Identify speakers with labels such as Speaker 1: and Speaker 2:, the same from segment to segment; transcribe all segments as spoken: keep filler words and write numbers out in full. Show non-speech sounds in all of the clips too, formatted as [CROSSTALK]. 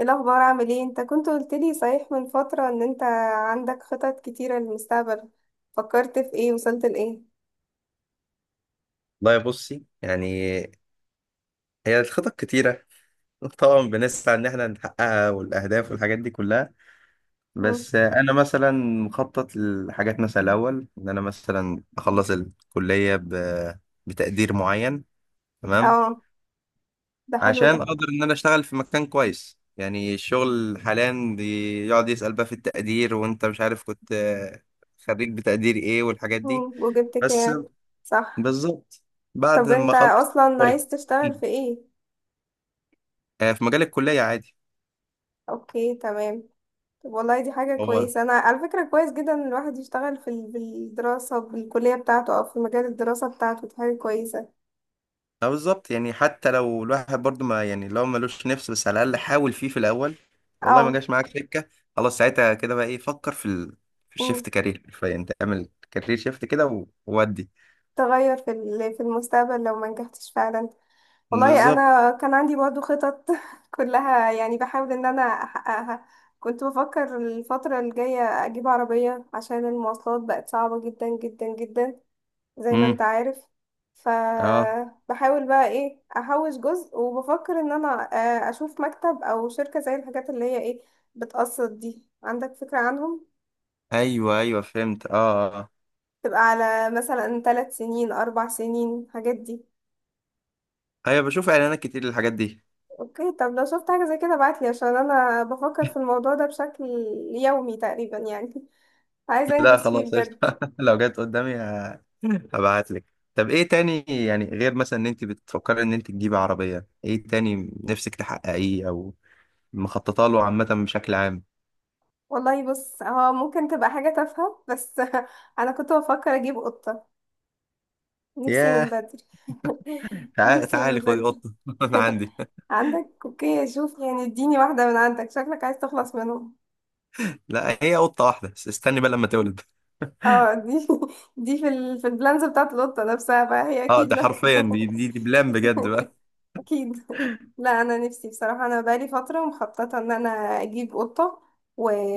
Speaker 1: ايه الاخبار، عامل ايه؟ انت كنت قلت لي صحيح من فترة ان انت عندك خطط كتيرة للمستقبل. فكرت في ايه، وصلت لايه؟
Speaker 2: والله بصي، يعني هي الخطط كتيرة. [LAUGHS] طبعا بنسعى إن احنا نحققها، والأهداف والحاجات دي كلها.
Speaker 1: مم.
Speaker 2: بس أنا مثلا مخطط لحاجات، مثلا الأول إن أنا مثلا أخلص الكلية ب... بتقدير معين، تمام.
Speaker 1: اه، ده حلو ده.
Speaker 2: عشان أقدر إن أنا أشتغل في مكان كويس، يعني الشغل حاليا بيقعد يسأل بقى في التقدير، وأنت مش عارف كنت، آه، خريج بتقدير إيه والحاجات دي.
Speaker 1: مم. وجبت
Speaker 2: بس
Speaker 1: كام؟ صح.
Speaker 2: بالظبط بعد
Speaker 1: طب
Speaker 2: ما
Speaker 1: انت
Speaker 2: أخلص.
Speaker 1: اصلا عايز تشتغل في ايه؟
Speaker 2: آه، في مجال الكلية عادي.
Speaker 1: اوكي، تمام. طب والله دي حاجة
Speaker 2: هو
Speaker 1: كويسة، انا على فكرة كويس جدا ان الواحد يشتغل في ال- بالدراسة بالكلية بتاعته او في مجال الدراسة بتاعته، دي حاجة كويسة.
Speaker 2: اه بالظبط، يعني حتى لو الواحد برضو، ما يعني لو ملوش نفس، بس على الاقل حاول فيه في الاول. والله ما
Speaker 1: اه.
Speaker 2: جاش معاك سكه، خلاص ساعتها كده بقى ايه، فكر في ال... في
Speaker 1: مم.
Speaker 2: الشيفت كارير، حرفيا تعمل كارير شيفت كده و- وودي.
Speaker 1: تغير في ال- في المستقبل لو ما نجحتش فعلا. والله
Speaker 2: بالظبط.
Speaker 1: انا كان عندي برضو خطط [LAUGHS] كلها يعني بحاول ان انا احققها. كنت بفكر الفترة الجاية اجيب عربية عشان المواصلات بقت صعبة جدا جدا جدا، زي ما انت
Speaker 2: امم.
Speaker 1: عارف.
Speaker 2: اه.
Speaker 1: فبحاول بقى ايه احوش جزء، وبفكر ان انا آه، اشوف مكتب او شركة زي الحاجات اللي هي ايه، بتقسط دي، عندك فكرة عنهم؟
Speaker 2: ايوه ايوه، فهمت، اه اه.
Speaker 1: تبقى على مثلا ثلاث سنين، اربع سنين، الحاجات دي.
Speaker 2: ايوه بشوف اعلانات كتير للحاجات دي.
Speaker 1: اوكي، طب لو شفت حاجة زي كده ابعتلي عشان انا بفكر في الموضوع ده بشكل يومي تقريبا يعني. [LAUGHS]
Speaker 2: [LAUGHS]
Speaker 1: عايزة
Speaker 2: لا
Speaker 1: انجز فيه
Speaker 2: خلاص قشطه.
Speaker 1: بجد.
Speaker 2: [LAUGHS] لو جت قدامي ه- هبعت لك. طب ايه تاني، يعني غير مثلا ان انت بتفكري ان انت تجيبي عربيه، ايه تاني نفسك تحققيه او مخططه له عامه بشكل عام؟
Speaker 1: والله بص، هو ممكن تبقى حاجة تافهة، بس [LAUGHS] انا كنت بفكر اجيب قطة. نفسي من
Speaker 2: ياه.
Speaker 1: بدري. [LAUGHS]
Speaker 2: تعالي
Speaker 1: نفسي من
Speaker 2: تعالي خدي
Speaker 1: بدري.
Speaker 2: قطه. [LAUGHS] انا عندي.
Speaker 1: عندك؟ اوكي، شوف يعني اديني واحدة من عندك، شكلك عايز تخلص منهم.
Speaker 2: لا هي قطه واحده بس، استني بقى لما تولد.
Speaker 1: اه، دي [LAUGHS] دي في ال... في البلانز بتاعت القطة نفسها بقى، هي
Speaker 2: اه،
Speaker 1: اكيد
Speaker 2: ده
Speaker 1: لا.
Speaker 2: حرفيا دي دي, دي بلان بجد
Speaker 1: [LAUGHS]
Speaker 2: بقى.
Speaker 1: اكيد. [LAUGHS] لا، انا نفسي بصراحه، انا بقالي فتره مخططه ان انا اجيب قطه.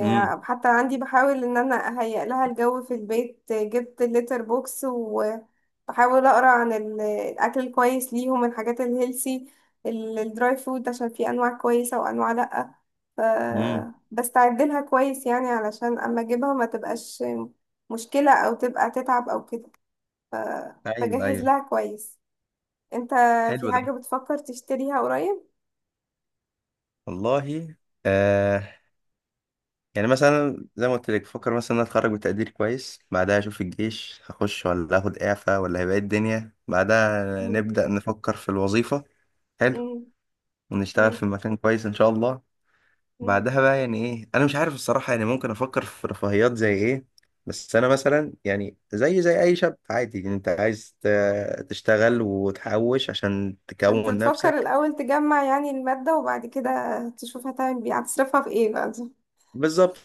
Speaker 2: امم.
Speaker 1: عندي بحاول ان انا اهيئ لها الجو في البيت، جبت الليتر بوكس، وبحاول اقرا عن ال- الاكل الكويس ليهم، الحاجات الهيلسي، ال- الدراي فود، عشان في انواع كويسه وانواع لا. ف
Speaker 2: امم.
Speaker 1: بستعد لها كويس يعني علشان اما اجيبها ما تبقاش مشكله او تبقى تتعب او كده.
Speaker 2: ايوه
Speaker 1: بجهز
Speaker 2: ايوه.
Speaker 1: لها كويس. انت
Speaker 2: حلو
Speaker 1: في
Speaker 2: ده.
Speaker 1: حاجه بتفكر تشتريها قريب؟
Speaker 2: والله، آه، يعني مثلا زي ما قلت لك، بفكر مثلا ان أنا اتخرج بتقدير كويس. بعدها اشوف الجيش هخش ولا اخد اعفاء، ولا هيبقى إيه الدنيا. بعدها
Speaker 1: مم.
Speaker 2: نبدا نفكر في الوظيفه. حلو.
Speaker 1: مم.
Speaker 2: ونشتغل
Speaker 1: مم.
Speaker 2: في مكان كويس ان شاء الله.
Speaker 1: مم.
Speaker 2: بعدها بقى يعني ايه، انا مش عارف الصراحه، يعني ممكن افكر في رفاهيات زي ايه. بس انا مثلا، يعني زي زي اي شاب عادي، يعني انت عايز ت- تشتغل وتحوش عشان
Speaker 1: انت
Speaker 2: تكون
Speaker 1: بتفكر
Speaker 2: نفسك.
Speaker 1: الاول تجمع يعني المادة، وبعد كده تشوف هتعمل بيه، هتصرفها في ايه بقى دي؟
Speaker 2: بالظبط.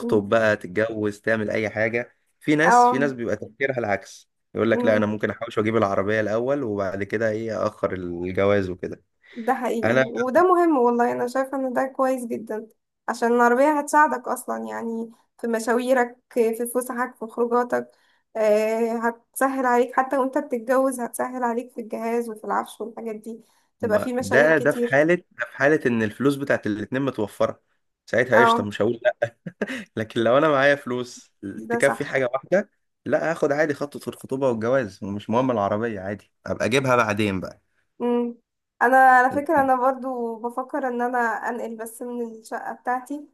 Speaker 1: مم.
Speaker 2: بقى، تتجوز، تعمل اي حاجه. في ناس، في
Speaker 1: اه.
Speaker 2: ناس بيبقى تفكيرها العكس، يقول لك لا
Speaker 1: مم.
Speaker 2: انا ممكن احوش واجيب العربيه الاول، وبعد كده ايه اخر الجواز وكده.
Speaker 1: ده حقيقي،
Speaker 2: انا
Speaker 1: وده مهم. والله انا شايفة ان ده كويس جدا، عشان العربية هتساعدك اصلا يعني في مشاويرك، في فسحك، في خروجاتك. آه، هتسهل عليك حتى وانت بتتجوز، هتسهل عليك في الجهاز وفي العفش والحاجات دي، تبقى في
Speaker 2: ما-
Speaker 1: مشاوير
Speaker 2: ده ده في
Speaker 1: كتير.
Speaker 2: حاله ده في حاله ان الفلوس بتاعت الاتنين متوفره. ساعتها قشطه،
Speaker 1: اه.
Speaker 2: مش هقول. لكن لو انا معايا فلوس
Speaker 1: ده
Speaker 2: تكفي
Speaker 1: صح.
Speaker 2: حاجه واحده، لا هاخد عادي خطوه الخطوبه والجواز، ومش مهم العربيه عادي، ابقى اجيبها بعدين بقى.
Speaker 1: مم. انا على فكره انا برضو بفكر ان انا انقل بس من الشقه بتاعتي،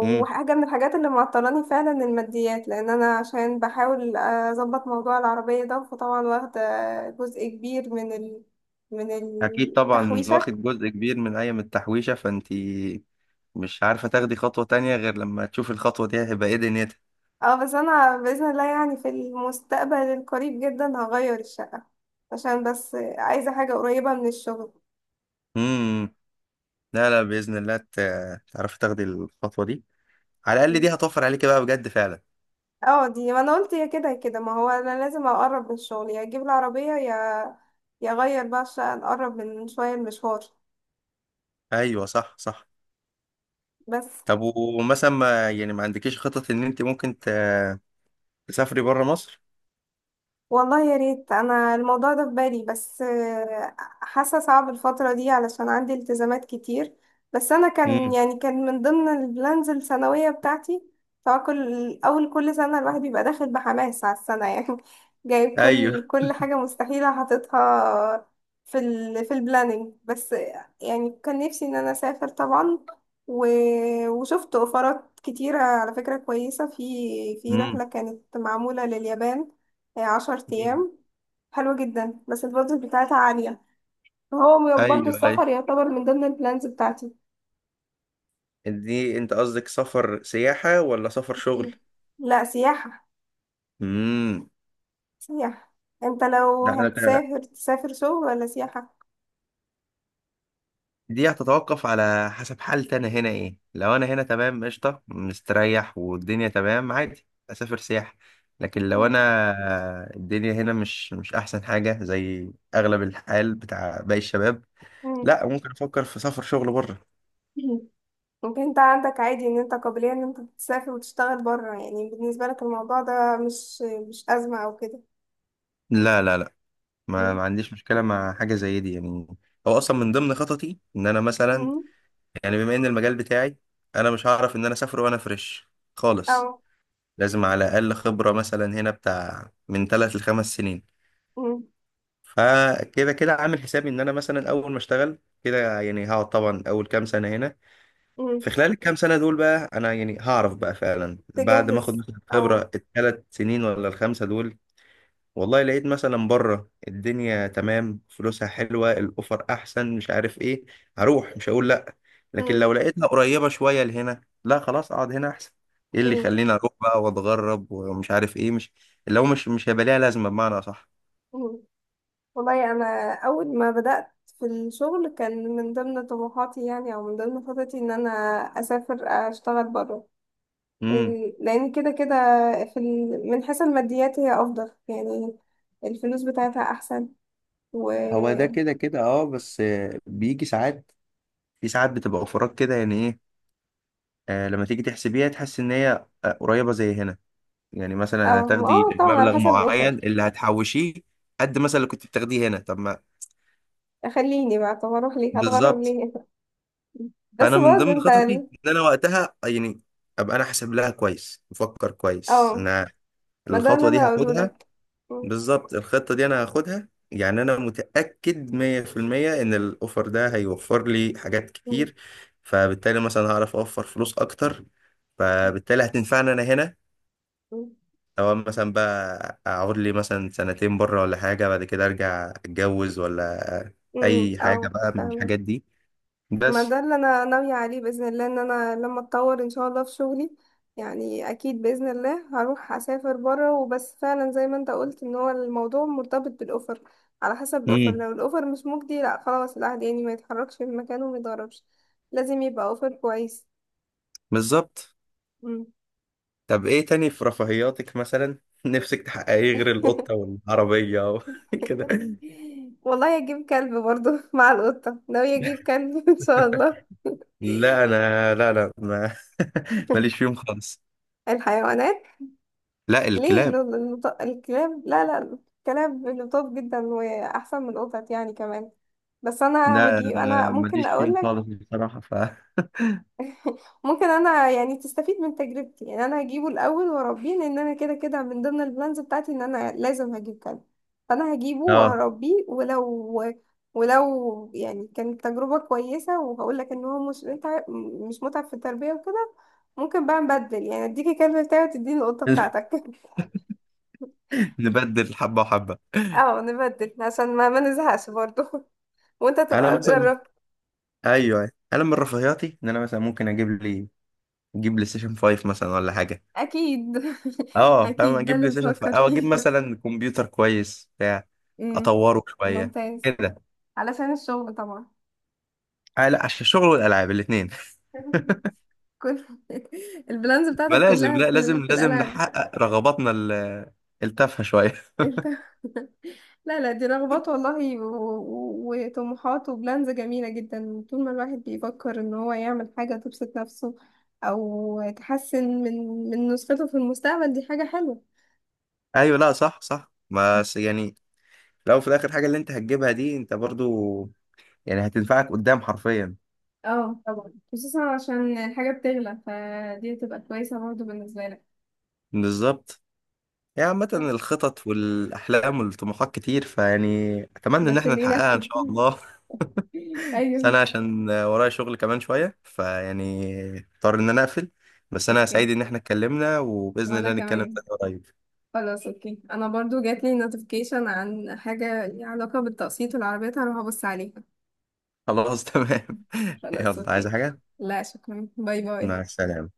Speaker 2: امم.
Speaker 1: من الحاجات اللي معطلاني فعلا الماديات، لان انا عشان بحاول اظبط موضوع العربيه ده فطبعا واخده جزء كبير من ال... من
Speaker 2: اكيد طبعا،
Speaker 1: التحويشه.
Speaker 2: واخد جزء كبير من ايام التحويشه، فانتي مش عارفه تاخدي خطوه تانية غير لما تشوفي الخطوه دي هيبقى ايه دنيتها.
Speaker 1: اه، بس انا باذن الله يعني في المستقبل القريب جدا هغير الشقه، عشان بس عايزه حاجه قريبه من الشغل.
Speaker 2: امم. لا لا، باذن الله ت- تعرفي تاخدي الخطوه دي، على الاقل دي هتوفر عليكي بقى بجد فعلا.
Speaker 1: اه دي، ما انا قلت يا كده يا كده، ما هو انا لازم اقرب من الشغل، يا اجيب العربية، يا يا اغير بقى عشان اقرب من شوية المشوار.
Speaker 2: ايوه صح صح.
Speaker 1: بس.
Speaker 2: طب ومثلا، ما يعني ما عندكيش خطط ان انت ممكن ت- تسافري بره مصر؟
Speaker 1: والله يا ريت، انا الموضوع ده في بالي، بس آه، حاسه صعب الفتره دي علشان عندي التزامات كتير. بس انا كان
Speaker 2: امم.
Speaker 1: يعني كان من ضمن البلانز السنويه بتاعتي. طبعا كل اول كل سنه الواحد بيبقى داخل بحماس على السنه [LAUGHS] يعني جايب كل
Speaker 2: ايوه.
Speaker 1: كل حاجه مستحيله حاططها في ال في البلاننج. بس يعني كان نفسي ان انا اسافر طبعا. و... وشفت اوفرات كتيره على فكره كويسه في في
Speaker 2: امم.
Speaker 1: رحله كانت معموله لليابان، هي عشر أيام، حلوة جدا بس البادجت بتاعتها عالية. هو م- برضه
Speaker 2: ايوه ايوه.
Speaker 1: السفر يعتبر من ضمن البلانز بتاعتي.
Speaker 2: دي انت قصدك سفر سياحة ولا سفر شغل؟
Speaker 1: لا، سياحة.
Speaker 2: امم.
Speaker 1: سياحة. انت لو
Speaker 2: لا انا ت-
Speaker 1: هتسافر تسافر شغل ولا سياحة؟
Speaker 2: دي هتتوقف على حسب حالتي انا هنا ايه. لو انا هنا تمام قشطة، مستريح والدنيا تمام، عادي اسافر سياحة. لكن لو
Speaker 1: مم.
Speaker 2: انا الدنيا هنا مش مش احسن حاجة، زي اغلب الحال بتاع باقي الشباب،
Speaker 1: مم.
Speaker 2: لا ممكن افكر في سفر شغل بره.
Speaker 1: ممكن انت عندك عادي ان انت قابلية ان انت تسافر وتشتغل بره، يعني بالنسبة لك الموضوع ده مش مش أزمة او كده؟
Speaker 2: لا لا لا. ما,
Speaker 1: مم.
Speaker 2: ما عنديش مشكلة مع حاجة زي دي يعني. هو اصلا من ضمن خططي ان انا مثلا،
Speaker 1: مم.
Speaker 2: يعني بما ان المجال بتاعي، انا مش هعرف ان انا اسافر وانا فريش
Speaker 1: او.
Speaker 2: خالص. لازم على الاقل خبره مثلا هنا بتاع من ثلاث لخمس سنين.
Speaker 1: مم.
Speaker 2: فكده كده عامل حسابي، ان انا مثلا اول ما اشتغل كده، يعني هقعد طبعا اول كام سنه هنا.
Speaker 1: مم.
Speaker 2: في خلال الكام سنه دول بقى انا يعني هعرف بقى فعلا، بعد ما اخد
Speaker 1: تجهز
Speaker 2: مثلا
Speaker 1: او.
Speaker 2: خبره الثلاث سنين ولا الخمسه دول. والله لقيت مثلا بره الدنيا تمام، فلوسها حلوة، الأوفر أحسن، مش عارف إيه، هروح مش هقول لأ. لكن
Speaker 1: مم.
Speaker 2: لو لقيتها قريبة شوية لهنا، لا خلاص أقعد هنا أحسن. إيه اللي
Speaker 1: مم.
Speaker 2: يخليني أروح بقى وأتغرب ومش عارف إيه، مش اللي هو مش مش هيبقى ليها لازمة بمعنى أصح.
Speaker 1: مم. والله انا اول ما بدات في الشغل كان من ضمن طموحاتي يعني او من ضمن خططي ان انا اسافر اشتغل بره،
Speaker 2: امم.
Speaker 1: لان كده كده في ال... من حيث الماديات هي افضل يعني، الفلوس بتاعتها احسن. و
Speaker 2: هو ده
Speaker 1: اه.
Speaker 2: كده كده أه، بس آه، بيجي ساعات، في ساعات بتبقى أوفرات كده يعني إيه، آه لما تيجي تحسبيها تحس إن هي، آه، قريبة زي هنا. يعني مثلا
Speaker 1: اه
Speaker 2: هتاخدي
Speaker 1: طبعا على
Speaker 2: مبلغ
Speaker 1: حسب الاوفر.
Speaker 2: معين اللي هتحوشيه قد مثلا اللي كنت بتاخديه هنا، طب ما.
Speaker 1: خليني بقى، طب اروح ليه، هتغرب
Speaker 2: بالظبط.
Speaker 1: ليه؟ [LAUGHS] بس
Speaker 2: فانا من
Speaker 1: برضه
Speaker 2: ضمن
Speaker 1: انت
Speaker 2: خططي
Speaker 1: ال-
Speaker 2: ان انا وقتها يعني ابقى انا حاسب لها كويس، مفكر كويس
Speaker 1: اه،
Speaker 2: ان
Speaker 1: ما ده اللي
Speaker 2: الخطوه دي
Speaker 1: انا هقوله
Speaker 2: هاخدها.
Speaker 1: لك. م-
Speaker 2: بالظبط الخطه دي انا هاخدها، يعني انا متاكد مية في المية ان الاوفر ده هيوفر لي حاجات
Speaker 1: م-
Speaker 2: كتير. فبالتالي مثلا هعرف اوفر فلوس اكتر، فبالتالي هتنفعني انا هنا،
Speaker 1: م-
Speaker 2: او مثلا بقى اقعد لي مثلا سنتين بره ولا حاجه، بعد كده ارجع اتجوز ولا
Speaker 1: م-
Speaker 2: اي حاجه
Speaker 1: اه،
Speaker 2: بقى من
Speaker 1: فاهمة.
Speaker 2: الحاجات دي.
Speaker 1: ما
Speaker 2: بس.
Speaker 1: ده اللي انا ناوية عليه بإذن الله ان انا لما اتطور ان شاء الله في شغلي، يعني اكيد بإذن الله هروح اسافر بره. وبس فعلا زي ما انت قلت ان هو الموضوع مرتبط بالاوفر، على حسب الاوفر.
Speaker 2: امم.
Speaker 1: لو الاوفر مش مجدي، لا خلاص، الواحد يعني ما يتحركش من مكانه وما يتغربش. لازم يبقى اوفر كويس.
Speaker 2: بالظبط.
Speaker 1: مم.
Speaker 2: طب ايه تاني في رفاهياتك، مثلا [LAUGHS] نفسك تحققيه غير القطة
Speaker 1: [LAUGHS]
Speaker 2: والعربية و- [LAUGHS] كده؟
Speaker 1: والله اجيب كلب برضو، [LAUGHS] مع القطة ناوية اجيب كلب [LAUGHS] ان شاء الله.
Speaker 2: لا انا، لا لا، ما [LAUGHS] ماليش
Speaker 1: [LAUGHS]
Speaker 2: فيهم خالص.
Speaker 1: الحيوانات.
Speaker 2: لا
Speaker 1: ليه
Speaker 2: الكلاب،
Speaker 1: ال- النط- الكلاب؟ لا لا، الكلاب لطاف جدا واحسن من القطط يعني كمان. بس انا
Speaker 2: لا
Speaker 1: هجيب، انا
Speaker 2: أنا
Speaker 1: ممكن
Speaker 2: ماليش
Speaker 1: اقول
Speaker 2: فيهم
Speaker 1: لك.
Speaker 2: خالص بصراحة، ف
Speaker 1: [LAUGHS] ممكن انا يعني تستفيد من تجربتي، يعني انا هجيبه الاول واربيه، لان انا كده كده من ضمن البلانز بتاعتي ان انا لازم هجيب كلب. فانا هجيبه
Speaker 2: اه.
Speaker 1: وهربيه، ولو ولو يعني كانت تجربة كويسة، وهقول لك ان هو مش متعب، مش متعب في التربية وكده، ممكن بقى نبدل، يعني اديكي كلب بتاعي وتديني القطة
Speaker 2: [LAUGHS]
Speaker 1: بتاعتك. [LAUGHS]
Speaker 2: نبدل حبة وحبة.
Speaker 1: اه نبدل عشان ما ما نزهقش برضو. [LAUGHS] وانت
Speaker 2: انا
Speaker 1: تبقى
Speaker 2: مثلا،
Speaker 1: جربت.
Speaker 2: ايوه أيوة، انا من رفاهياتي ان انا مثلا ممكن اجيب لي اجيب لي سيشن فايف مثلا ولا حاجة.
Speaker 1: اكيد. [LAUGHS]
Speaker 2: اه فاهم،
Speaker 1: اكيد ده
Speaker 2: اجيب
Speaker 1: اللي
Speaker 2: لي سيشن
Speaker 1: بتفكر
Speaker 2: فايف، او اجيب
Speaker 1: فيه.
Speaker 2: مثلا كمبيوتر كويس بتاع
Speaker 1: [LAUGHS] امم.
Speaker 2: اطوره شوية
Speaker 1: ممتاز.
Speaker 2: كده.
Speaker 1: علشان الشغل طبعا.
Speaker 2: آه لا، عشان الشغل والالعاب الاثنين.
Speaker 1: [LAUGHS] كل [LAUGHS] البلانز
Speaker 2: ما
Speaker 1: بتاعتك
Speaker 2: لازم،
Speaker 1: كلها
Speaker 2: لا
Speaker 1: في ال...
Speaker 2: لازم
Speaker 1: في
Speaker 2: لازم
Speaker 1: الالعاب.
Speaker 2: نحقق رغباتنا ال- التافهة شوية. [LAUGHS]
Speaker 1: انت. [LAUGHS] لا لا، دي رغبات والله و... و... وطموحات وبلانز جميلة جدا، طول ما الواحد بيفكر ان هو يعمل حاجة تبسط نفسه او تحسن من من نسخته في المستقبل، دي حاجة حلوة.
Speaker 2: ايوه. لا صح صح، بس يعني لو في الاخر حاجة اللي انت هتجيبها دي، انت برضو يعني هتنفعك قدام حرفيا.
Speaker 1: اه طبعا، خصوصا عشان الحاجة بتغلى فدي تبقى كويسة برضه بالنسبة لك.
Speaker 2: بالظبط. يعني عامة
Speaker 1: صح؟
Speaker 2: الخطط والأحلام والطموحات كتير، فيعني أتمنى إن
Speaker 1: بس
Speaker 2: احنا
Speaker 1: اللي
Speaker 2: نحققها إن
Speaker 1: ينفذ.
Speaker 2: شاء الله.
Speaker 1: [LAUGHS]
Speaker 2: [LAUGHS] بس أنا
Speaker 1: ايوه.
Speaker 2: عشان ورايا شغل كمان شوية، فيعني اضطر إن أنا أقفل. بس أنا
Speaker 1: اوكي.
Speaker 2: سعيد إن احنا اتكلمنا، وبإذن
Speaker 1: وانا
Speaker 2: الله نتكلم
Speaker 1: كمان.
Speaker 2: تاني قريب.
Speaker 1: خلاص اوكي، انا برضو جات لي نوتيفيكيشن عن حاجة ليها علاقة بالتقسيط والعربيات، هروح ابص عليها.
Speaker 2: خلاص تمام. [LAUGHS]
Speaker 1: خلاص
Speaker 2: يلا، عايز
Speaker 1: اوكي،
Speaker 2: حاجة؟
Speaker 1: لا شكرا، باي باي.
Speaker 2: مع السلامة.